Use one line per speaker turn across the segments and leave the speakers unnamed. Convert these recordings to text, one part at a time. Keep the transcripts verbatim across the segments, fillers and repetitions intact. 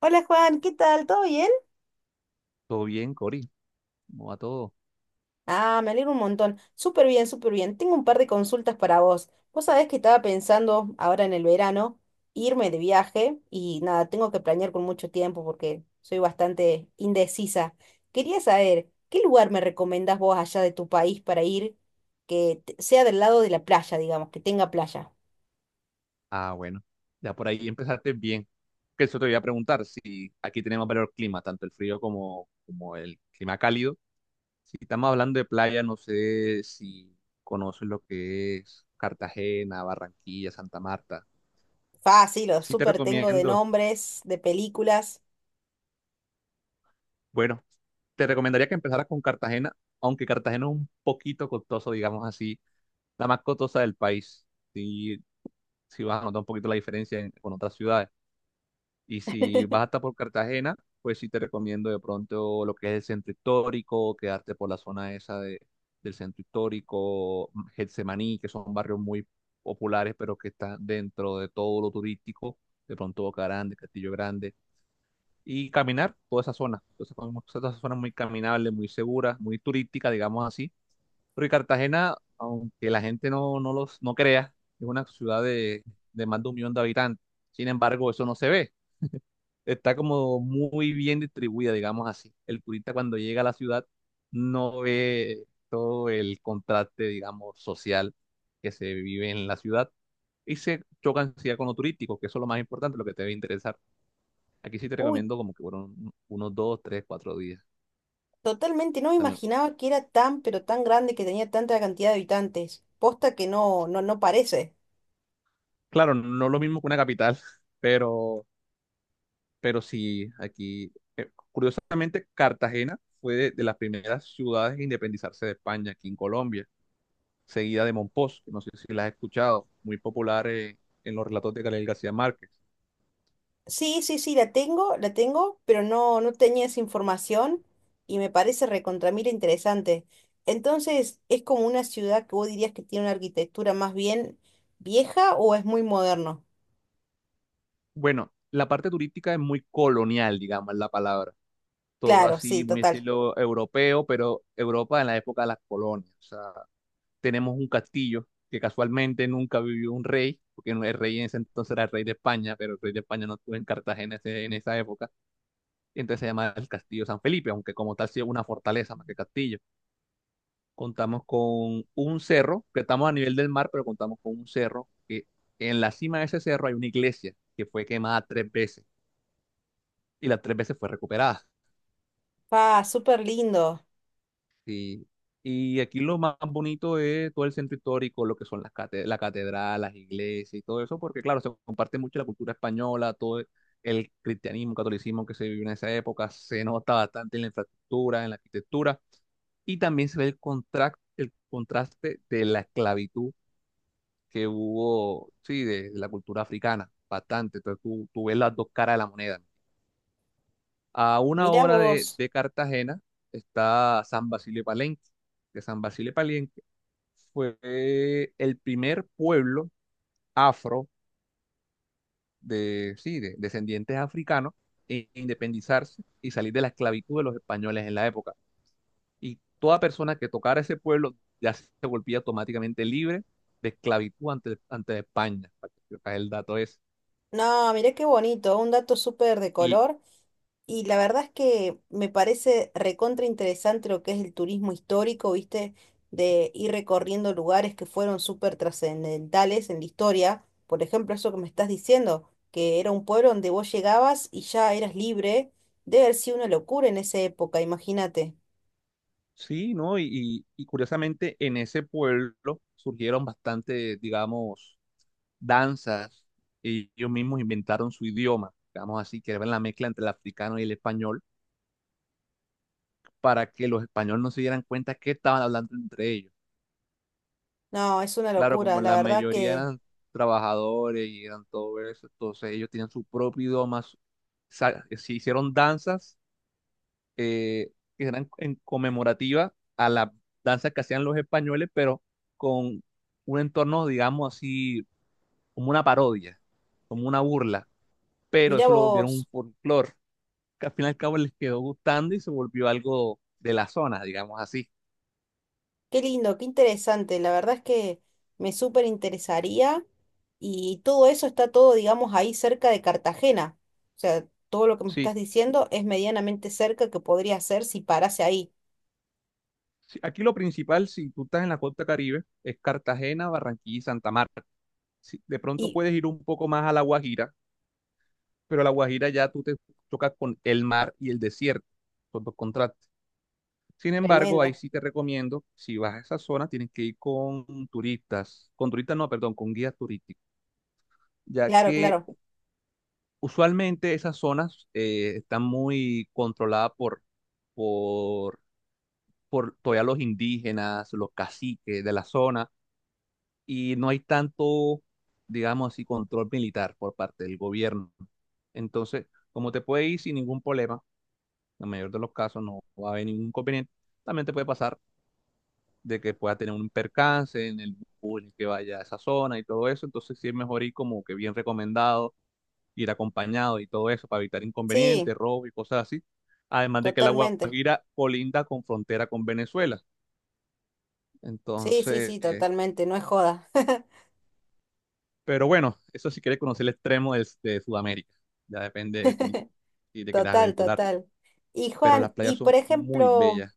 Hola Juan, ¿qué tal? ¿Todo bien?
Todo bien, Cori. ¿Cómo va todo?
Ah, me alegro un montón. Súper bien, súper bien. Tengo un par de consultas para vos. Vos sabés que estaba pensando ahora en el verano irme de viaje y nada, tengo que planear con mucho tiempo porque soy bastante indecisa. Quería saber, ¿qué lugar me recomendás vos allá de tu país para ir que te- sea del lado de la playa, digamos, que tenga playa?
Ah, bueno. Ya por ahí empezaste bien. Que eso te voy a preguntar, si aquí tenemos varios climas, tanto el frío como, como el clima cálido. Si estamos hablando de playa, no sé si conoces lo que es Cartagena, Barranquilla, Santa Marta.
Fácil, los
Sí te
súper tengo de
recomiendo,
nombres, de películas.
bueno, te recomendaría que empezaras con Cartagena, aunque Cartagena es un poquito costoso, digamos así, la más costosa del país. Sí, sí vas a notar un poquito la diferencia en- con otras ciudades. Y si vas hasta por Cartagena, pues sí te recomiendo de pronto lo que es el centro histórico, quedarte por la zona esa de, del centro histórico, mm, Getsemaní, que son barrios muy populares, pero que están dentro de todo lo turístico, de pronto Boca Grande, Castillo Grande, y caminar toda esa zona. Entonces, como esa zona muy caminable, muy segura, muy turística, digamos así. Porque Cartagena, aunque la gente no, no los, no crea, es una ciudad de, de más de un millón de habitantes. Sin embargo, eso no se ve, está como muy bien distribuida, digamos así. El turista cuando llega a la ciudad no ve todo el contraste, digamos, social, que se vive en la ciudad, y se chocan sí con lo turístico, que eso es lo más importante, lo que te debe interesar. Aquí sí te
Uy,
recomiendo como que fueron un- unos dos, tres, cuatro días
totalmente, no me
también.
imaginaba que era tan, pero tan grande que tenía tanta cantidad de habitantes. Posta que no, no, no parece.
Claro, no lo mismo que una capital, pero, pero sí, aquí, eh, curiosamente, Cartagena fue de, de las primeras ciudades en independizarse de España, aquí en Colombia, seguida de Monpós, que no sé si la has escuchado, muy popular, eh, en los relatos de Gabriel García Márquez.
Sí, sí, sí, la tengo, la tengo, pero no, no tenía esa información y me parece recontra mil interesante. Entonces, ¿es como una ciudad que vos dirías que tiene una arquitectura más bien vieja o es muy moderno?
Bueno, la parte turística es muy colonial, digamos, es la palabra. Todo
Claro, sí,
así, muy
total.
estilo europeo, pero Europa en la época de las colonias. O sea, tenemos un castillo que casualmente nunca vivió un rey, porque no, el rey en ese entonces era el rey de España, pero el rey de España no estuvo en Cartagena ese- en esa época. Entonces se llama el Castillo San Felipe, aunque como tal sí es una fortaleza más que castillo. Contamos con un cerro, que estamos a nivel del mar, pero contamos con un cerro, que en la cima de ese cerro hay una iglesia que fue quemada tres veces y las tres veces fue recuperada.
Pa, súper lindo.
Y, y aquí lo más bonito es todo el centro histórico, lo que son las cate- la catedral, las iglesias y todo eso, porque claro, se comparte mucho la cultura española, todo el cristianismo, catolicismo que se vivió en esa época, se nota bastante en la infraestructura, en la arquitectura. Y también se ve el contraste, el contraste de la esclavitud que hubo, sí, de, de la cultura africana, bastante. Entonces tú, tú ves las dos caras de la moneda, ¿no? A una
Mirá
hora de,
vos.
de Cartagena está San Basilio de Palenque, que San Basilio de Palenque fue el primer pueblo afro de, sí, de descendientes africanos en independizarse y salir de la esclavitud de los españoles en la época. Y toda persona que tocara ese pueblo ya se volvía automáticamente libre de esclavitud ante, ante España, para que sepas el dato es.
No, mirá qué bonito, un dato súper de
Y
color. Y la verdad es que me parece recontra interesante lo que es el turismo histórico, ¿viste? De ir recorriendo lugares que fueron súper trascendentales en la historia. Por ejemplo, eso que me estás diciendo, que era un pueblo donde vos llegabas y ya eras libre. Debe haber sido una locura en esa época, imagínate.
Sí, ¿no? Y, y- y curiosamente en ese pueblo surgieron bastante, digamos, danzas. y Ellos mismos inventaron su idioma, digamos así, que era la mezcla entre el africano y el español, para que los españoles no se dieran cuenta que estaban hablando entre ellos.
No, es una
Claro,
locura,
como
la
la
verdad
mayoría
que...
eran trabajadores y eran todo eso, entonces ellos tenían su propio idioma, su- sa- se hicieron danzas, eh, que eran en conmemorativa a las danzas que hacían los españoles, pero con un entorno, digamos así, como una parodia, como una burla, pero
Mirá
eso lo volvieron un
vos.
folclore, que al fin y al cabo les quedó gustando y se volvió algo de la zona, digamos así.
Qué lindo, qué interesante. La verdad es que me súper interesaría y todo eso está todo, digamos, ahí cerca de Cartagena. O sea, todo lo que me estás
Sí,
diciendo es medianamente cerca que podría hacer si parase ahí.
sí, aquí lo principal, si tú estás en la costa Caribe, es Cartagena, Barranquilla y Santa Marta. Sí, de pronto
Y
puedes ir un poco más a La Guajira, pero a La Guajira ya tú te tocas con el mar y el desierto, son dos contrastes. Sin embargo, ahí
tremendo.
sí te recomiendo, si vas a esa zona, tienes que ir con turistas, con turistas no, perdón, con guías turísticos, ya
Claro,
que
claro.
usualmente esas zonas, eh, están muy controladas por, por, por todavía los indígenas, los caciques de la zona, y no hay tanto, digamos así, control militar por parte del gobierno. Entonces, como te puede ir sin ningún problema, en el mayor de los casos no va a haber ningún inconveniente, también te puede pasar de que pueda tener un percance en el bus que vaya a esa zona y todo eso. Entonces sí es mejor ir como que bien recomendado, ir acompañado y todo eso para evitar inconvenientes,
Sí,
robos y cosas así. Además de que la
totalmente.
Guajira colinda con frontera con Venezuela.
Sí, sí,
Entonces,
sí,
eh,
totalmente. No es joda.
pero bueno, eso si quieres conocer el extremo del- de, Sudamérica. Ya depende de ti si te quieres
Total,
aventurar.
total. Y
Pero las
Juan,
playas
y
son
por
muy
ejemplo,
bellas.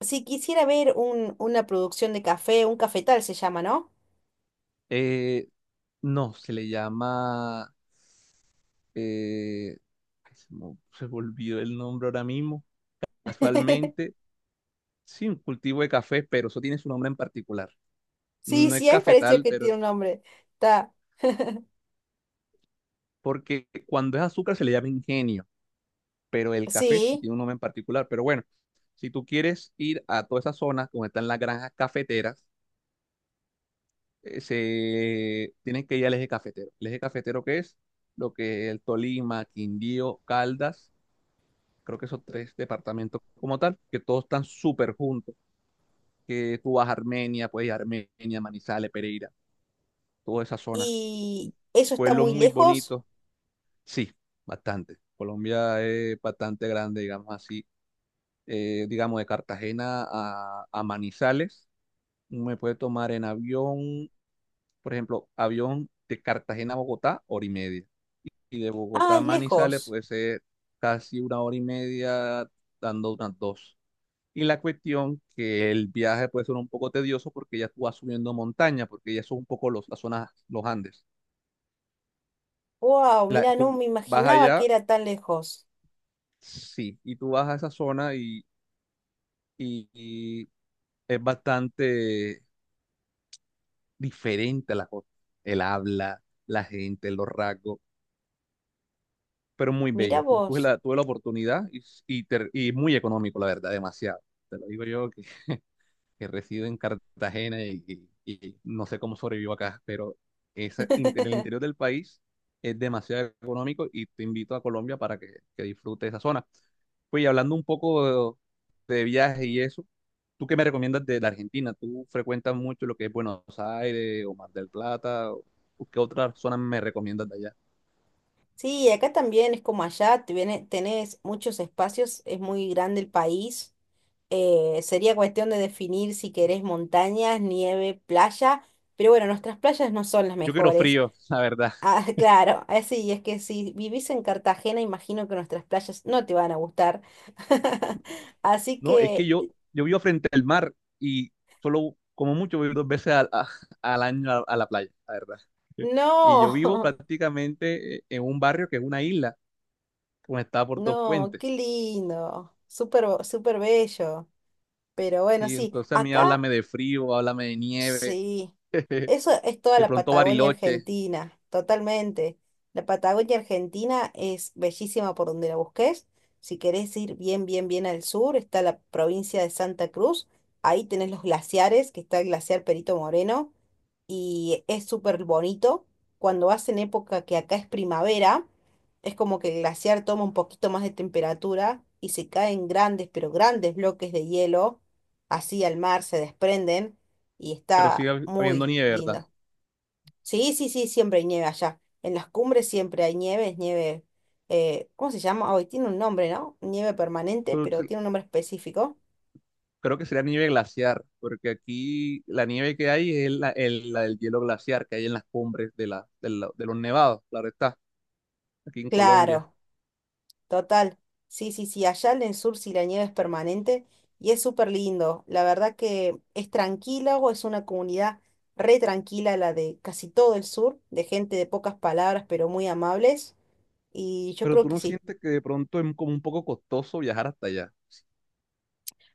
si quisiera ver un, una producción de café, un cafetal se llama, ¿no?
Eh, no, se le llama, eh, ay, se me, se me olvidó el nombre ahora mismo casualmente, sí, un cultivo de café, pero eso tiene su nombre en particular.
Sí,
No
sí,
es
me pareció
cafetal,
que
pero
tiene
es
un nombre. Ta.
porque cuando es azúcar se le llama ingenio, pero el café sí
Sí,
tiene un nombre en particular. Pero bueno, si tú quieres ir a toda esa zona donde están las granjas cafeteras, eh, se tienes que ir al eje cafetero. ¿El eje cafetero qué es? Lo que es el Tolima, Quindío, Caldas, creo que esos tres departamentos como tal, que todos están súper juntos, que tú vas a Armenia, puedes ir a Armenia, Manizales, Pereira, toda esa zona.
y eso está
Pueblo
muy
muy
lejos.
bonito, sí, bastante. Colombia es bastante grande, digamos así. Eh, digamos, de Cartagena a, a Manizales, me puede tomar en avión, por ejemplo, avión de Cartagena a Bogotá, hora y media. Y de Bogotá
Ah,
a
es
Manizales
lejos.
puede ser casi una hora y media, dando unas dos. Y la cuestión que el viaje puede ser un poco tedioso porque ya tú vas subiendo montaña, porque ya son un poco los, las zonas, los Andes.
Wow,
La-
mira, no
tú
me
vas
imaginaba que
allá.
era tan lejos.
Sí, y tú vas a esa zona, y, y- y es bastante diferente la cosa. El habla, la gente, los rasgos, pero muy
Mira
bello. Y tuve
vos.
la, tuve la oportunidad y, y, ter- y muy económico, la verdad, demasiado. Te lo digo yo que reside en Cartagena y, y- y no sé cómo sobrevivo acá, pero esa, inter- el interior del país es demasiado económico y te invito a Colombia para que, que disfrutes esa zona. Pues y hablando un poco de, de viaje y eso, ¿tú qué me recomiendas de la Argentina? ¿Tú frecuentas mucho lo que es Buenos Aires o Mar del Plata? ¿O qué otra zona me recomiendas de allá?
Sí, acá también es como allá, te viene- tenés muchos espacios, es muy grande el país. Eh, sería cuestión de definir si querés montañas, nieve, playa, pero bueno, nuestras playas no son las
Yo quiero
mejores.
frío, la verdad.
Ah, claro, así es que si vivís en Cartagena, imagino que nuestras playas no te van a gustar. Así
No, es que
que
yo, yo vivo frente al mar y solo, como mucho, voy dos veces al, a- al año a, a la playa, la verdad. Y yo
no,
vivo prácticamente, eh, en un barrio que es una isla, conectada por dos
no,
puentes.
qué lindo, súper, bo- súper bello. Pero bueno,
Sí,
sí,
entonces a mí
acá
háblame de frío, háblame de nieve,
sí, eso es toda
de
la
pronto
Patagonia
Bariloche,
Argentina, totalmente. La Patagonia Argentina es bellísima por donde la busques. Si querés ir bien, bien, bien al sur, está la provincia de Santa Cruz. Ahí tenés los glaciares, que está el glaciar Perito Moreno, y es súper bonito. Cuando vas en época que acá es primavera, es como que el glaciar toma un poquito más de temperatura y se caen grandes, pero grandes bloques de hielo, así al mar se desprenden y
pero sigue
está
hab- habiendo
muy
nieve, ¿verdad?
lindo. Sí, sí, sí, siempre hay nieve allá. En las cumbres siempre hay nieve, es nieve, eh, ¿cómo se llama? Hoy tiene un nombre, ¿no? Nieve permanente,
Pero
pero
se-
tiene un nombre específico.
Creo que sería nieve glaciar, porque aquí la nieve que hay es la, el, la del hielo glaciar que hay en las cumbres de, la, de, la- de los nevados, claro está, aquí en Colombia.
Claro, total. Sí, sí, sí, allá en el sur sí la nieve es permanente y es súper lindo. La verdad que es tranquilo, es una comunidad re tranquila la de casi todo el sur, de gente de pocas palabras, pero muy amables. Y yo
Pero
creo
tú
que
no
sí.
sientes que de pronto es como un poco costoso viajar hasta allá.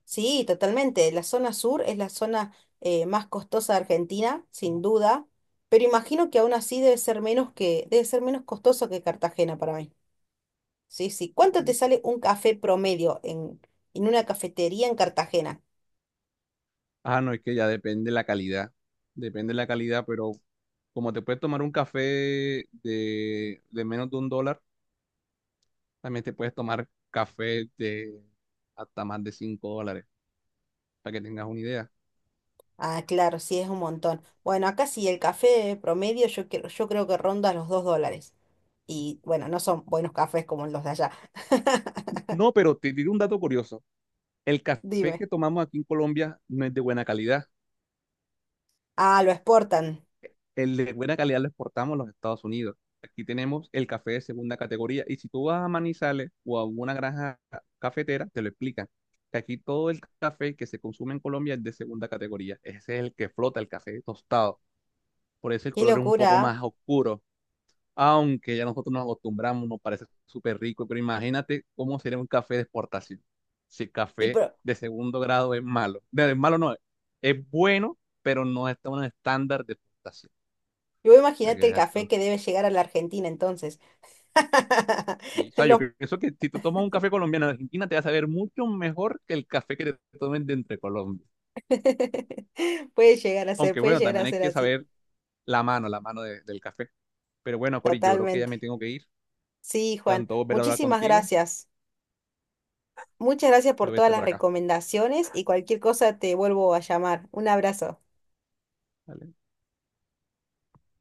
Sí, totalmente. La zona sur es la zona eh, más costosa de Argentina, sin duda, pero imagino que aún así debe ser menos que, debe ser menos costoso que Cartagena para mí. Sí, sí. ¿Cuánto te
Bueno,
sale un café promedio en, en una cafetería en Cartagena?
ah, no, es que ya depende la calidad. Depende la calidad, pero como te puedes tomar un café de, de menos de un dólar, también te puedes tomar café de hasta más de cinco dólares, para que tengas una idea.
Ah, claro, sí, es un montón. Bueno, acá sí, el café promedio yo, creo- yo creo que ronda los dos dólares. Y bueno, no son buenos cafés como los de allá.
No, pero te digo un dato curioso. El café
Dime.
que tomamos aquí en Colombia no es de buena calidad.
Ah, lo exportan.
El de buena calidad lo exportamos a los Estados Unidos. Aquí tenemos el café de segunda categoría. Y si tú vas a Manizales o a una granja cafetera, te lo explican. Que aquí todo el café que se consume en Colombia es de segunda categoría. Ese es el que flota, el café tostado. Por eso el
Qué
color es un poco
locura. ¿Ah?
más oscuro. Aunque ya nosotros nos acostumbramos, nos parece súper rico. Pero imagínate cómo sería un café de exportación. Si el
Y,
café
pro-
de segundo grado es malo. De, de malo no, es es bueno, pero no está en un estándar de exportación.
y vos
Para
imaginate
que
el
veas
café
tú.
que debe llegar a la Argentina entonces.
Y, o sea, yo
Lo-
pienso que si tú tomas un café colombiano de Argentina, te va a saber mucho mejor que el café que te tomen de entre Colombia.
Puede llegar a ser,
Aunque
puede
bueno,
llegar a
también hay
ser
que
así,
saber la mano, la mano de- del café. Pero bueno, Cori, yo creo que ya me
totalmente.
tengo que ir.
Sí, Juan,
Tanto volver a hablar
muchísimas
contigo,
gracias. Muchas gracias por
pero
todas
vete
las
por acá.
recomendaciones y cualquier cosa te vuelvo a llamar. Un abrazo.
¿Vale?